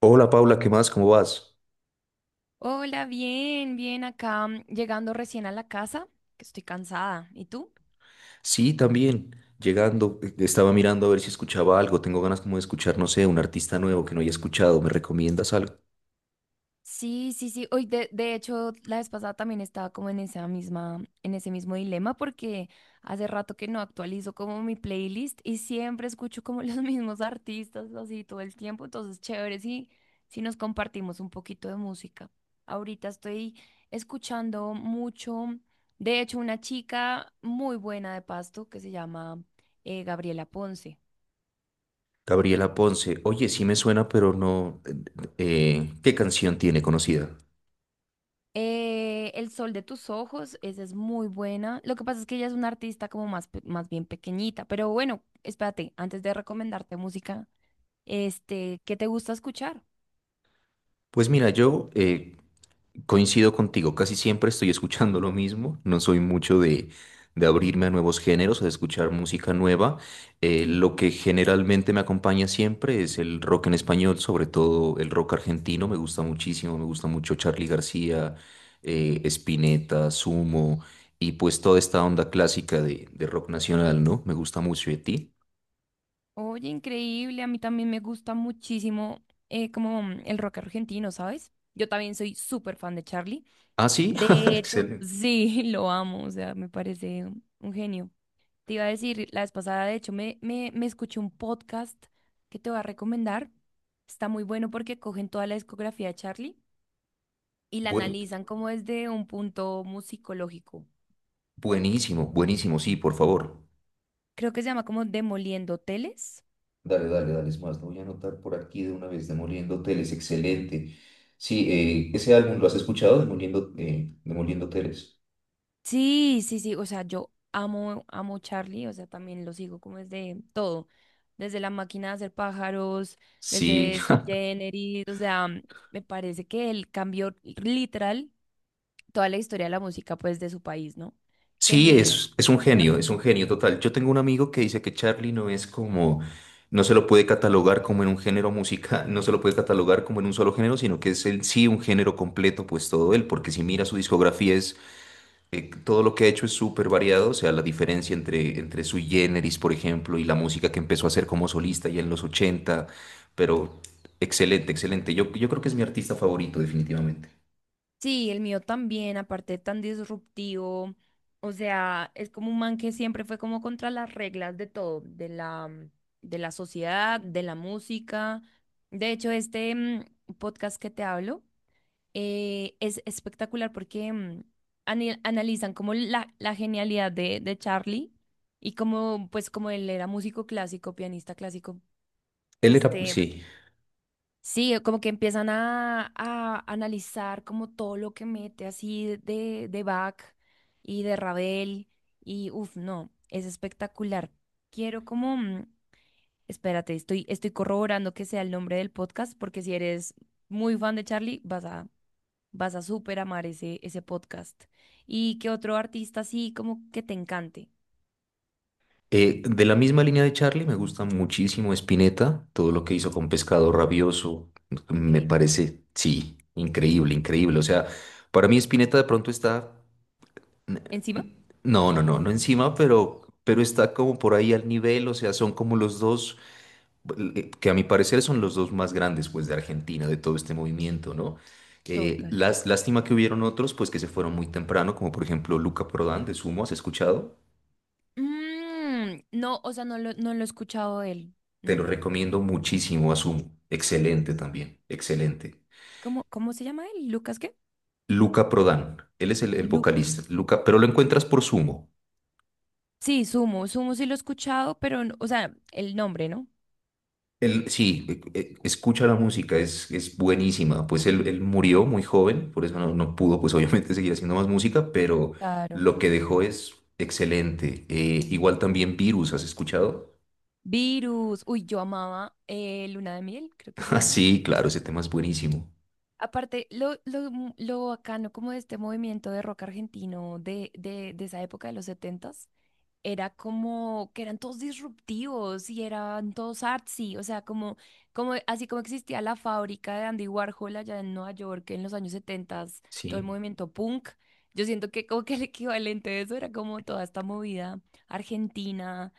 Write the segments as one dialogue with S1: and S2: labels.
S1: Hola Paula, ¿qué más? ¿Cómo vas?
S2: Hola, bien, bien acá, llegando recién a la casa, que estoy cansada. ¿Y tú?
S1: Sí, también. Llegando, estaba mirando a ver si escuchaba algo. Tengo ganas como de escuchar, no sé, un artista nuevo que no haya escuchado. ¿Me recomiendas algo?
S2: Sí, sí, sí. Hoy de hecho, la vez pasada también estaba como en esa misma, en ese mismo dilema porque hace rato que no actualizo como mi playlist y siempre escucho como los mismos artistas así todo el tiempo. Entonces, chévere si, si nos compartimos un poquito de música. Ahorita estoy escuchando mucho, de hecho, una chica muy buena de Pasto que se llama Gabriela Ponce.
S1: Gabriela Ponce. Oye, sí me suena, pero no. ¿Qué canción tiene conocida?
S2: El sol de tus ojos, esa es muy buena. Lo que pasa es que ella es una artista como más, más bien pequeñita, pero bueno, espérate, antes de recomendarte música, ¿qué te gusta escuchar?
S1: Pues mira, yo, coincido contigo, casi siempre estoy escuchando lo mismo, no soy mucho de abrirme a nuevos géneros, a escuchar música nueva. Lo que generalmente me acompaña siempre es el rock en español, sobre todo el rock argentino, me gusta muchísimo, me gusta mucho Charly García, Spinetta, Sumo, y pues toda esta onda clásica de rock nacional, ¿no? Me gusta mucho de ti.
S2: Oye, increíble, a mí también me gusta muchísimo como el rock argentino, ¿sabes? Yo también soy súper fan de Charlie.
S1: Ah, sí,
S2: De hecho,
S1: excelente.
S2: sí, lo amo, o sea, me parece un genio. Te iba a decir, la vez pasada, de hecho, me escuché un podcast que te voy a recomendar. Está muy bueno porque cogen toda la discografía de Charlie y la
S1: Buen-
S2: analizan como desde un punto musicológico.
S1: Buenísimo, buenísimo, sí, por favor.
S2: Creo que se llama como Demoliendo Teles.
S1: Dale, dale, dale, es más, lo voy a anotar por aquí de una vez, Demoliendo Hoteles, excelente. Sí, ese álbum lo has escuchado, Demoliendo Hoteles.
S2: Sí, sí, sí, o sea, yo amo, amo Charlie, o sea, también lo sigo como desde todo, desde la máquina de hacer pájaros,
S1: Sí,
S2: desde su Generis, o sea, me parece que él cambió literal toda la historia de la música pues de su país, ¿no? Qué
S1: sí,
S2: envidia.
S1: es un genio total. Yo tengo un amigo que dice que Charlie no es como, no se lo puede catalogar como en un género musical, no se lo puede catalogar como en un solo género, sino que es en sí un género completo, pues todo él, porque si mira su discografía, todo lo que ha hecho es súper variado, o sea, la diferencia entre su generis, por ejemplo, y la música que empezó a hacer como solista ya en los ochenta, pero excelente, excelente. Yo creo que es mi artista favorito, definitivamente.
S2: Sí, el mío también, aparte tan disruptivo. O sea, es como un man que siempre fue como contra las reglas de todo, de la, de la sociedad, de la música. De hecho, este podcast que te hablo es espectacular porque analizan como la genialidad de Charlie y como, pues como él era músico clásico, pianista clásico,
S1: Él era,
S2: este,
S1: sí.
S2: sí, como que empiezan a analizar como todo lo que mete así de Bach y de Ravel y uff, no, es espectacular. Quiero como, espérate, estoy, estoy corroborando que sea el nombre del podcast porque si eres muy fan de Charlie vas a, vas a súper amar ese, ese podcast. ¿Y qué otro artista así como que te encante?
S1: De la misma línea de Charlie, me gusta muchísimo Spinetta, todo lo que hizo con Pescado Rabioso, me
S2: Increíble.
S1: parece, sí, increíble, increíble. O sea, para mí Spinetta de pronto está,
S2: ¿Encima?
S1: no, no encima, pero está como por ahí al nivel, o sea, son como los dos. Eh, que a mi parecer son los dos más grandes, pues, de Argentina, de todo este movimiento, ¿no?
S2: Total.
S1: Las, lástima que hubieron otros, pues, que se fueron muy temprano, como por ejemplo Luca Prodan de Sumo, ¿has escuchado?
S2: Mm, no, o sea, no lo, no lo he escuchado de él,
S1: Te lo
S2: no.
S1: recomiendo muchísimo a Sumo. Excelente también, excelente.
S2: ¿Cómo, cómo se llama él? ¿Lucas qué?
S1: Luca Prodan, él es el
S2: Lu
S1: vocalista, Luca, pero lo encuentras por Sumo.
S2: sí, Sumo. Sumo sí lo he escuchado, pero, o sea, el nombre, ¿no?
S1: Él, sí, escucha la música, es buenísima. Pues él murió muy joven, por eso no, no pudo, pues obviamente, seguir haciendo más música, pero
S2: Claro.
S1: lo que dejó es excelente. Igual también Virus, ¿has escuchado?
S2: Virus. Uy, yo amaba Luna de Miel, creo que se
S1: Ah,
S2: llama.
S1: sí, claro, ese tema es buenísimo.
S2: Aparte, lo, lo bacano como de este movimiento de rock argentino de esa época de los setentas. Era como que eran todos disruptivos y eran todos artsy, o sea, como, como así como existía la fábrica de Andy Warhol allá en Nueva York en los años 70, todo el
S1: Sí,
S2: movimiento punk. Yo siento que como que el equivalente de eso era como toda esta movida argentina,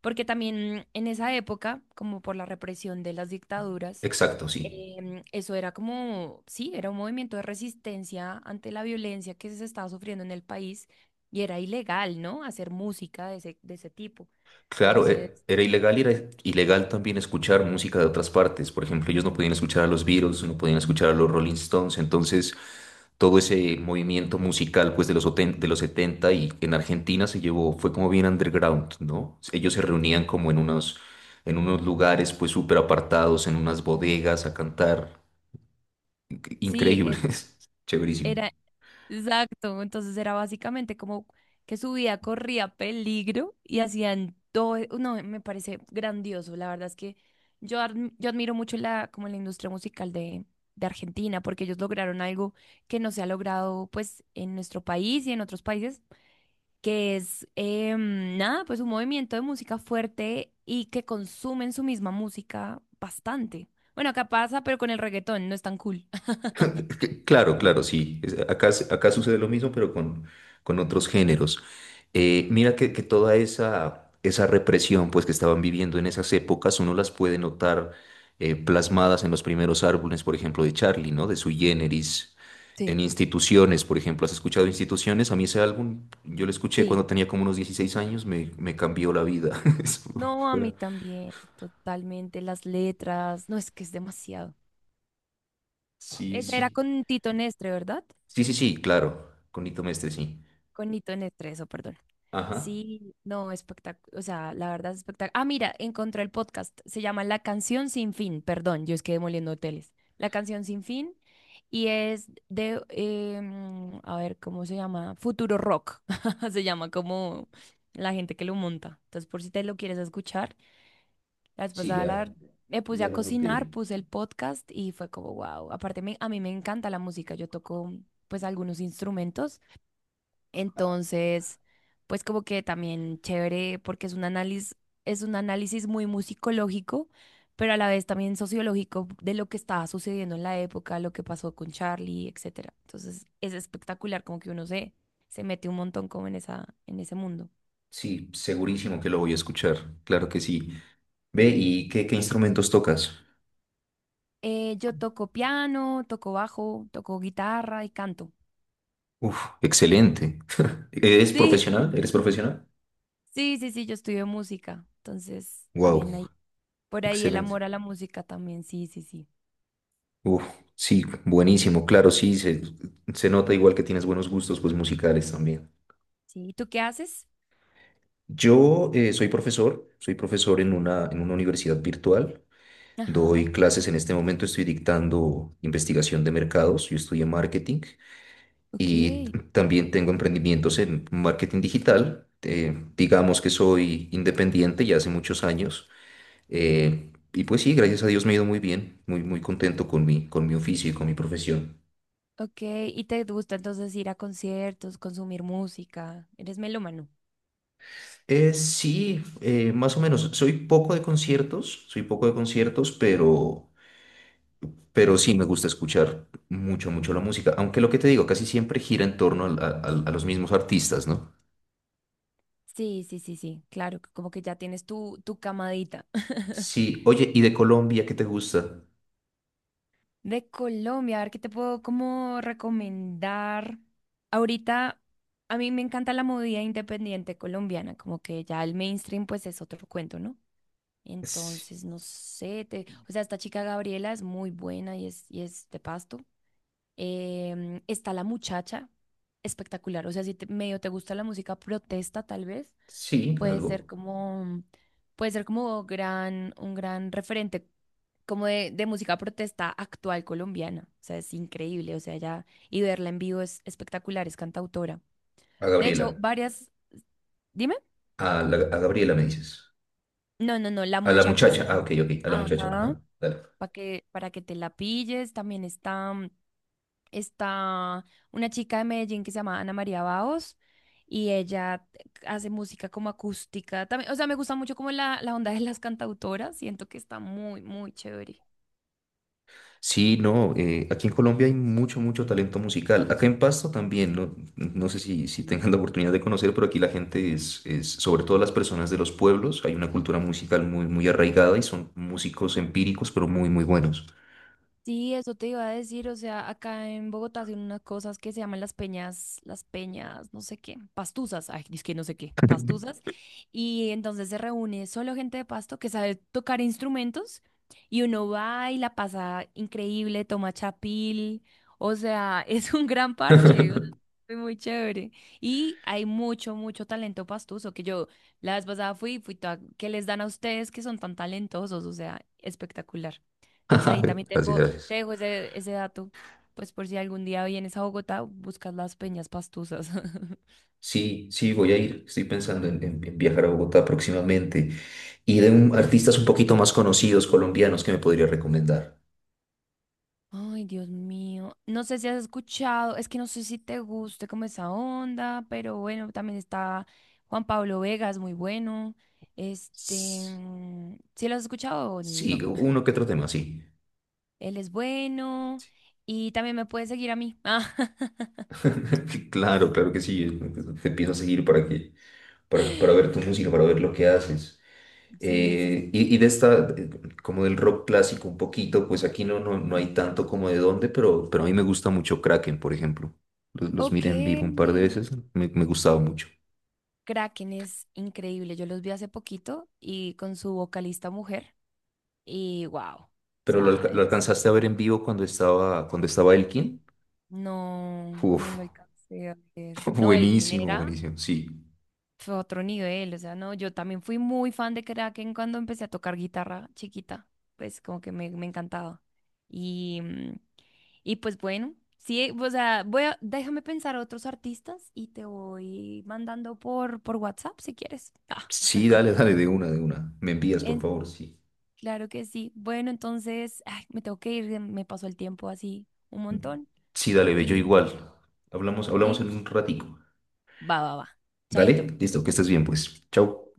S2: porque también en esa época, como por la represión de las dictaduras,
S1: exacto, sí.
S2: eso era como, sí, era un movimiento de resistencia ante la violencia que se estaba sufriendo en el país y era ilegal, ¿no? Hacer música de ese tipo.
S1: Claro,
S2: Entonces,
S1: era ilegal y era ilegal también escuchar música de otras partes. Por ejemplo, ellos no podían escuchar a los Beatles, no podían escuchar a los Rolling Stones. Entonces, todo ese movimiento musical pues de los, de los 70 y en Argentina se llevó, fue como bien underground, ¿no? Ellos se reunían como en unos lugares pues súper apartados, en unas
S2: mm,
S1: bodegas a cantar.
S2: sí,
S1: Increíbles, chéverísimo.
S2: era, exacto, entonces era básicamente como que su vida corría peligro y hacían todo, e, no, me parece grandioso, la verdad es que yo, yo admiro mucho la, como la industria musical de Argentina, porque ellos lograron algo que no se ha logrado pues en nuestro país y en otros países, que es, nada, pues un movimiento de música fuerte y que consumen su misma música bastante. Bueno, acá pasa, pero con el reggaetón no es tan cool.
S1: Claro, claro, sí. Acá, acá sucede lo mismo, pero con otros géneros. Mira que toda esa represión pues, que estaban viviendo en esas épocas, uno las puede notar, plasmadas en los primeros álbumes, por ejemplo, de Charlie, ¿no? De Sui Generis, en Instituciones, por ejemplo. ¿Has escuchado Instituciones? A mí ese álbum, yo lo escuché
S2: Sí.
S1: cuando tenía como unos 16 años, me cambió la vida.
S2: No, a
S1: Fue-
S2: mí también, totalmente. Las letras, no, es que es demasiado.
S1: Sí,
S2: Esa era
S1: sí.
S2: con Tito Nestre, ¿verdad?
S1: Sí, sí, sí, claro. Con Nito Mestre, sí.
S2: Con Tito Nestre, eso, perdón.
S1: Ajá.
S2: Sí, no, espectacular. O sea, la verdad es espectacular. Ah, mira, encontré el podcast. Se llama La Canción Sin Fin. Perdón, yo es que demoliendo hoteles. La Canción Sin Fin. Y es de, a ver, ¿cómo se llama? Futuro Rock. Se llama como la gente que lo monta. Entonces, por si te lo quieres escuchar. La vez
S1: Sí,
S2: pasada
S1: ya.
S2: me puse
S1: Ya
S2: a
S1: lo
S2: cocinar,
S1: noté.
S2: puse el podcast y fue como, wow. Aparte, a mí me encanta la música. Yo toco, pues, algunos instrumentos.
S1: Ah,
S2: Entonces, pues, como que también chévere porque es un análisis muy musicológico, pero a la vez también sociológico de lo que estaba sucediendo en la época, lo que pasó con Charlie, etcétera. Entonces, es espectacular como que uno se, se mete un montón como en esa, en ese mundo.
S1: sí, segurísimo que lo voy a escuchar. Claro que sí. Ve, ¿y qué instrumentos tocas?
S2: Yo toco piano, toco bajo, toco guitarra y canto.
S1: Uf, excelente. ¿Eres
S2: Sí,
S1: profesional? ¿Eres profesional?
S2: sí, sí, sí, yo estudio música, entonces
S1: Wow,
S2: también hay por ahí el
S1: excelente.
S2: amor a la música también, sí, sí, sí.
S1: Uf, sí, buenísimo. Claro, sí, se nota igual que tienes buenos gustos, pues musicales también.
S2: Sí, ¿y tú qué haces?
S1: Yo soy profesor en en una universidad virtual.
S2: Ajá,
S1: Doy clases en este momento, estoy dictando investigación de mercados, yo estudié marketing.
S2: ok,
S1: También tengo emprendimientos en marketing digital. Digamos que soy independiente ya hace muchos años. eh, y pues sí, gracias a Dios me ha ido muy bien, muy, muy contento con mi oficio y con mi profesión.
S2: ok, ¿y te gusta entonces ir a conciertos, consumir música? ¿Eres melómano?
S1: Sí, Más o menos. Soy poco de conciertos, soy poco de conciertos, pero sí me gusta escuchar mucho, mucho la música. Aunque lo que te digo, casi siempre gira en torno a, a los mismos artistas, ¿no?
S2: Sí, sí, sí, sí, claro, que como que ya tienes tu, tu camadita.
S1: Sí, oye, ¿y de Colombia qué te gusta?
S2: De Colombia, a ver qué te puedo como recomendar. Ahorita a mí me encanta la movida independiente colombiana, como que ya el mainstream pues es otro cuento, ¿no?
S1: Sí,
S2: Entonces, no sé, o sea, esta chica Gabriela es muy buena y es de Pasto. Está la muchacha, espectacular. O sea, si medio te gusta la música protesta, tal vez,
S1: sí,
S2: puede ser
S1: algo.
S2: como, puede ser como gran, un gran referente como de música protesta actual colombiana. O sea, es increíble. O sea, ya, y verla en vivo es espectacular, es cantautora.
S1: A
S2: De
S1: Gabriela.
S2: hecho, varias, dime.
S1: A, a Gabriela me dices.
S2: No, no, no, la
S1: A la
S2: muchacha se
S1: muchacha. Ah, ok,
S2: llama.
S1: ok. A la muchacha.
S2: Ajá.
S1: Ajá. Dale.
S2: Para que, para que te la pilles. También está, está una chica de Medellín que se llama Ana María Baos y ella hace música como acústica. También, o sea, me gusta mucho como la onda de las cantautoras. Siento que está muy, muy chévere.
S1: Sí, no. Aquí en Colombia hay mucho, mucho talento musical. Acá en Pasto también. No, no sé si, si tengan la oportunidad de conocer, pero aquí la gente es, sobre todo las personas de los pueblos, hay una cultura musical muy, muy arraigada y son músicos empíricos, pero muy, muy buenos.
S2: Sí, eso te iba a decir, o sea, acá en Bogotá hacen unas cosas que se llaman las peñas, no sé qué, pastusas, ay, es que no sé qué, pastusas, y entonces se reúne solo gente de Pasto que sabe tocar instrumentos y uno va y la pasa increíble, toma chapil, o sea, es un gran parche, o sea, fue muy chévere. Y hay mucho, mucho talento pastuso, que yo la vez pasada fui, fui toda, que les dan a ustedes que son tan talentosos, o sea, espectacular. Entonces ahí también
S1: Gracias,
S2: tengo te
S1: gracias.
S2: dejo ese, ese dato, pues por si algún día vienes a Bogotá, buscas las peñas pastuzas.
S1: Sí, sí, voy a ir. Estoy pensando en viajar a Bogotá próximamente. Y de artistas un poquito más conocidos colombianos que me podría recomendar.
S2: Ay, Dios mío. No sé si has escuchado, es que no sé si te guste como esa onda, pero bueno, también está Juan Pablo Vega, es muy bueno. Este,
S1: Sí,
S2: ¿sí lo has escuchado o no?
S1: uno que otro tema, sí.
S2: Él es bueno y también me puede seguir a mí. Ah,
S1: Claro, claro que sí. Te empiezo a seguir para ver tu música, para ver lo que haces.
S2: sí, sí, sí.
S1: Y de esta, como del rock clásico un poquito, pues aquí no, no hay tanto como de dónde, pero a mí me gusta mucho Kraken, por ejemplo. Los
S2: Ok.
S1: miré en vivo un par de veces, me gustaba mucho.
S2: Kraken es increíble. Yo los vi hace poquito y con su vocalista mujer. Y wow, o
S1: Pero lo,
S2: sea,
S1: lo
S2: es
S1: alcanzaste a ver en vivo cuando estaba
S2: Elkin.
S1: Elkin.
S2: No, no
S1: Uf,
S2: lo alcancé a ver. No, Elkin
S1: buenísimo,
S2: era,
S1: buenísimo, sí.
S2: fue otro nivel, o sea, no, yo también fui muy fan de Kraken cuando empecé a tocar guitarra chiquita, pues como que me encantaba. Y, y pues bueno, sí, o sea, voy a, déjame pensar a otros artistas y te voy mandando por WhatsApp si quieres. Ah,
S1: Sí, dale, dale, de una, de una. Me envías, por
S2: en-
S1: favor, sí.
S2: claro que sí. Bueno, entonces, ay, me tengo que ir, me pasó el tiempo así un montón.
S1: Sí, dale, ve, yo
S2: Y
S1: igual. Hablamos, hablamos
S2: sí,
S1: en un ratico.
S2: va, va, va.
S1: Dale,
S2: Chaito.
S1: listo, que estés bien, pues. Chau.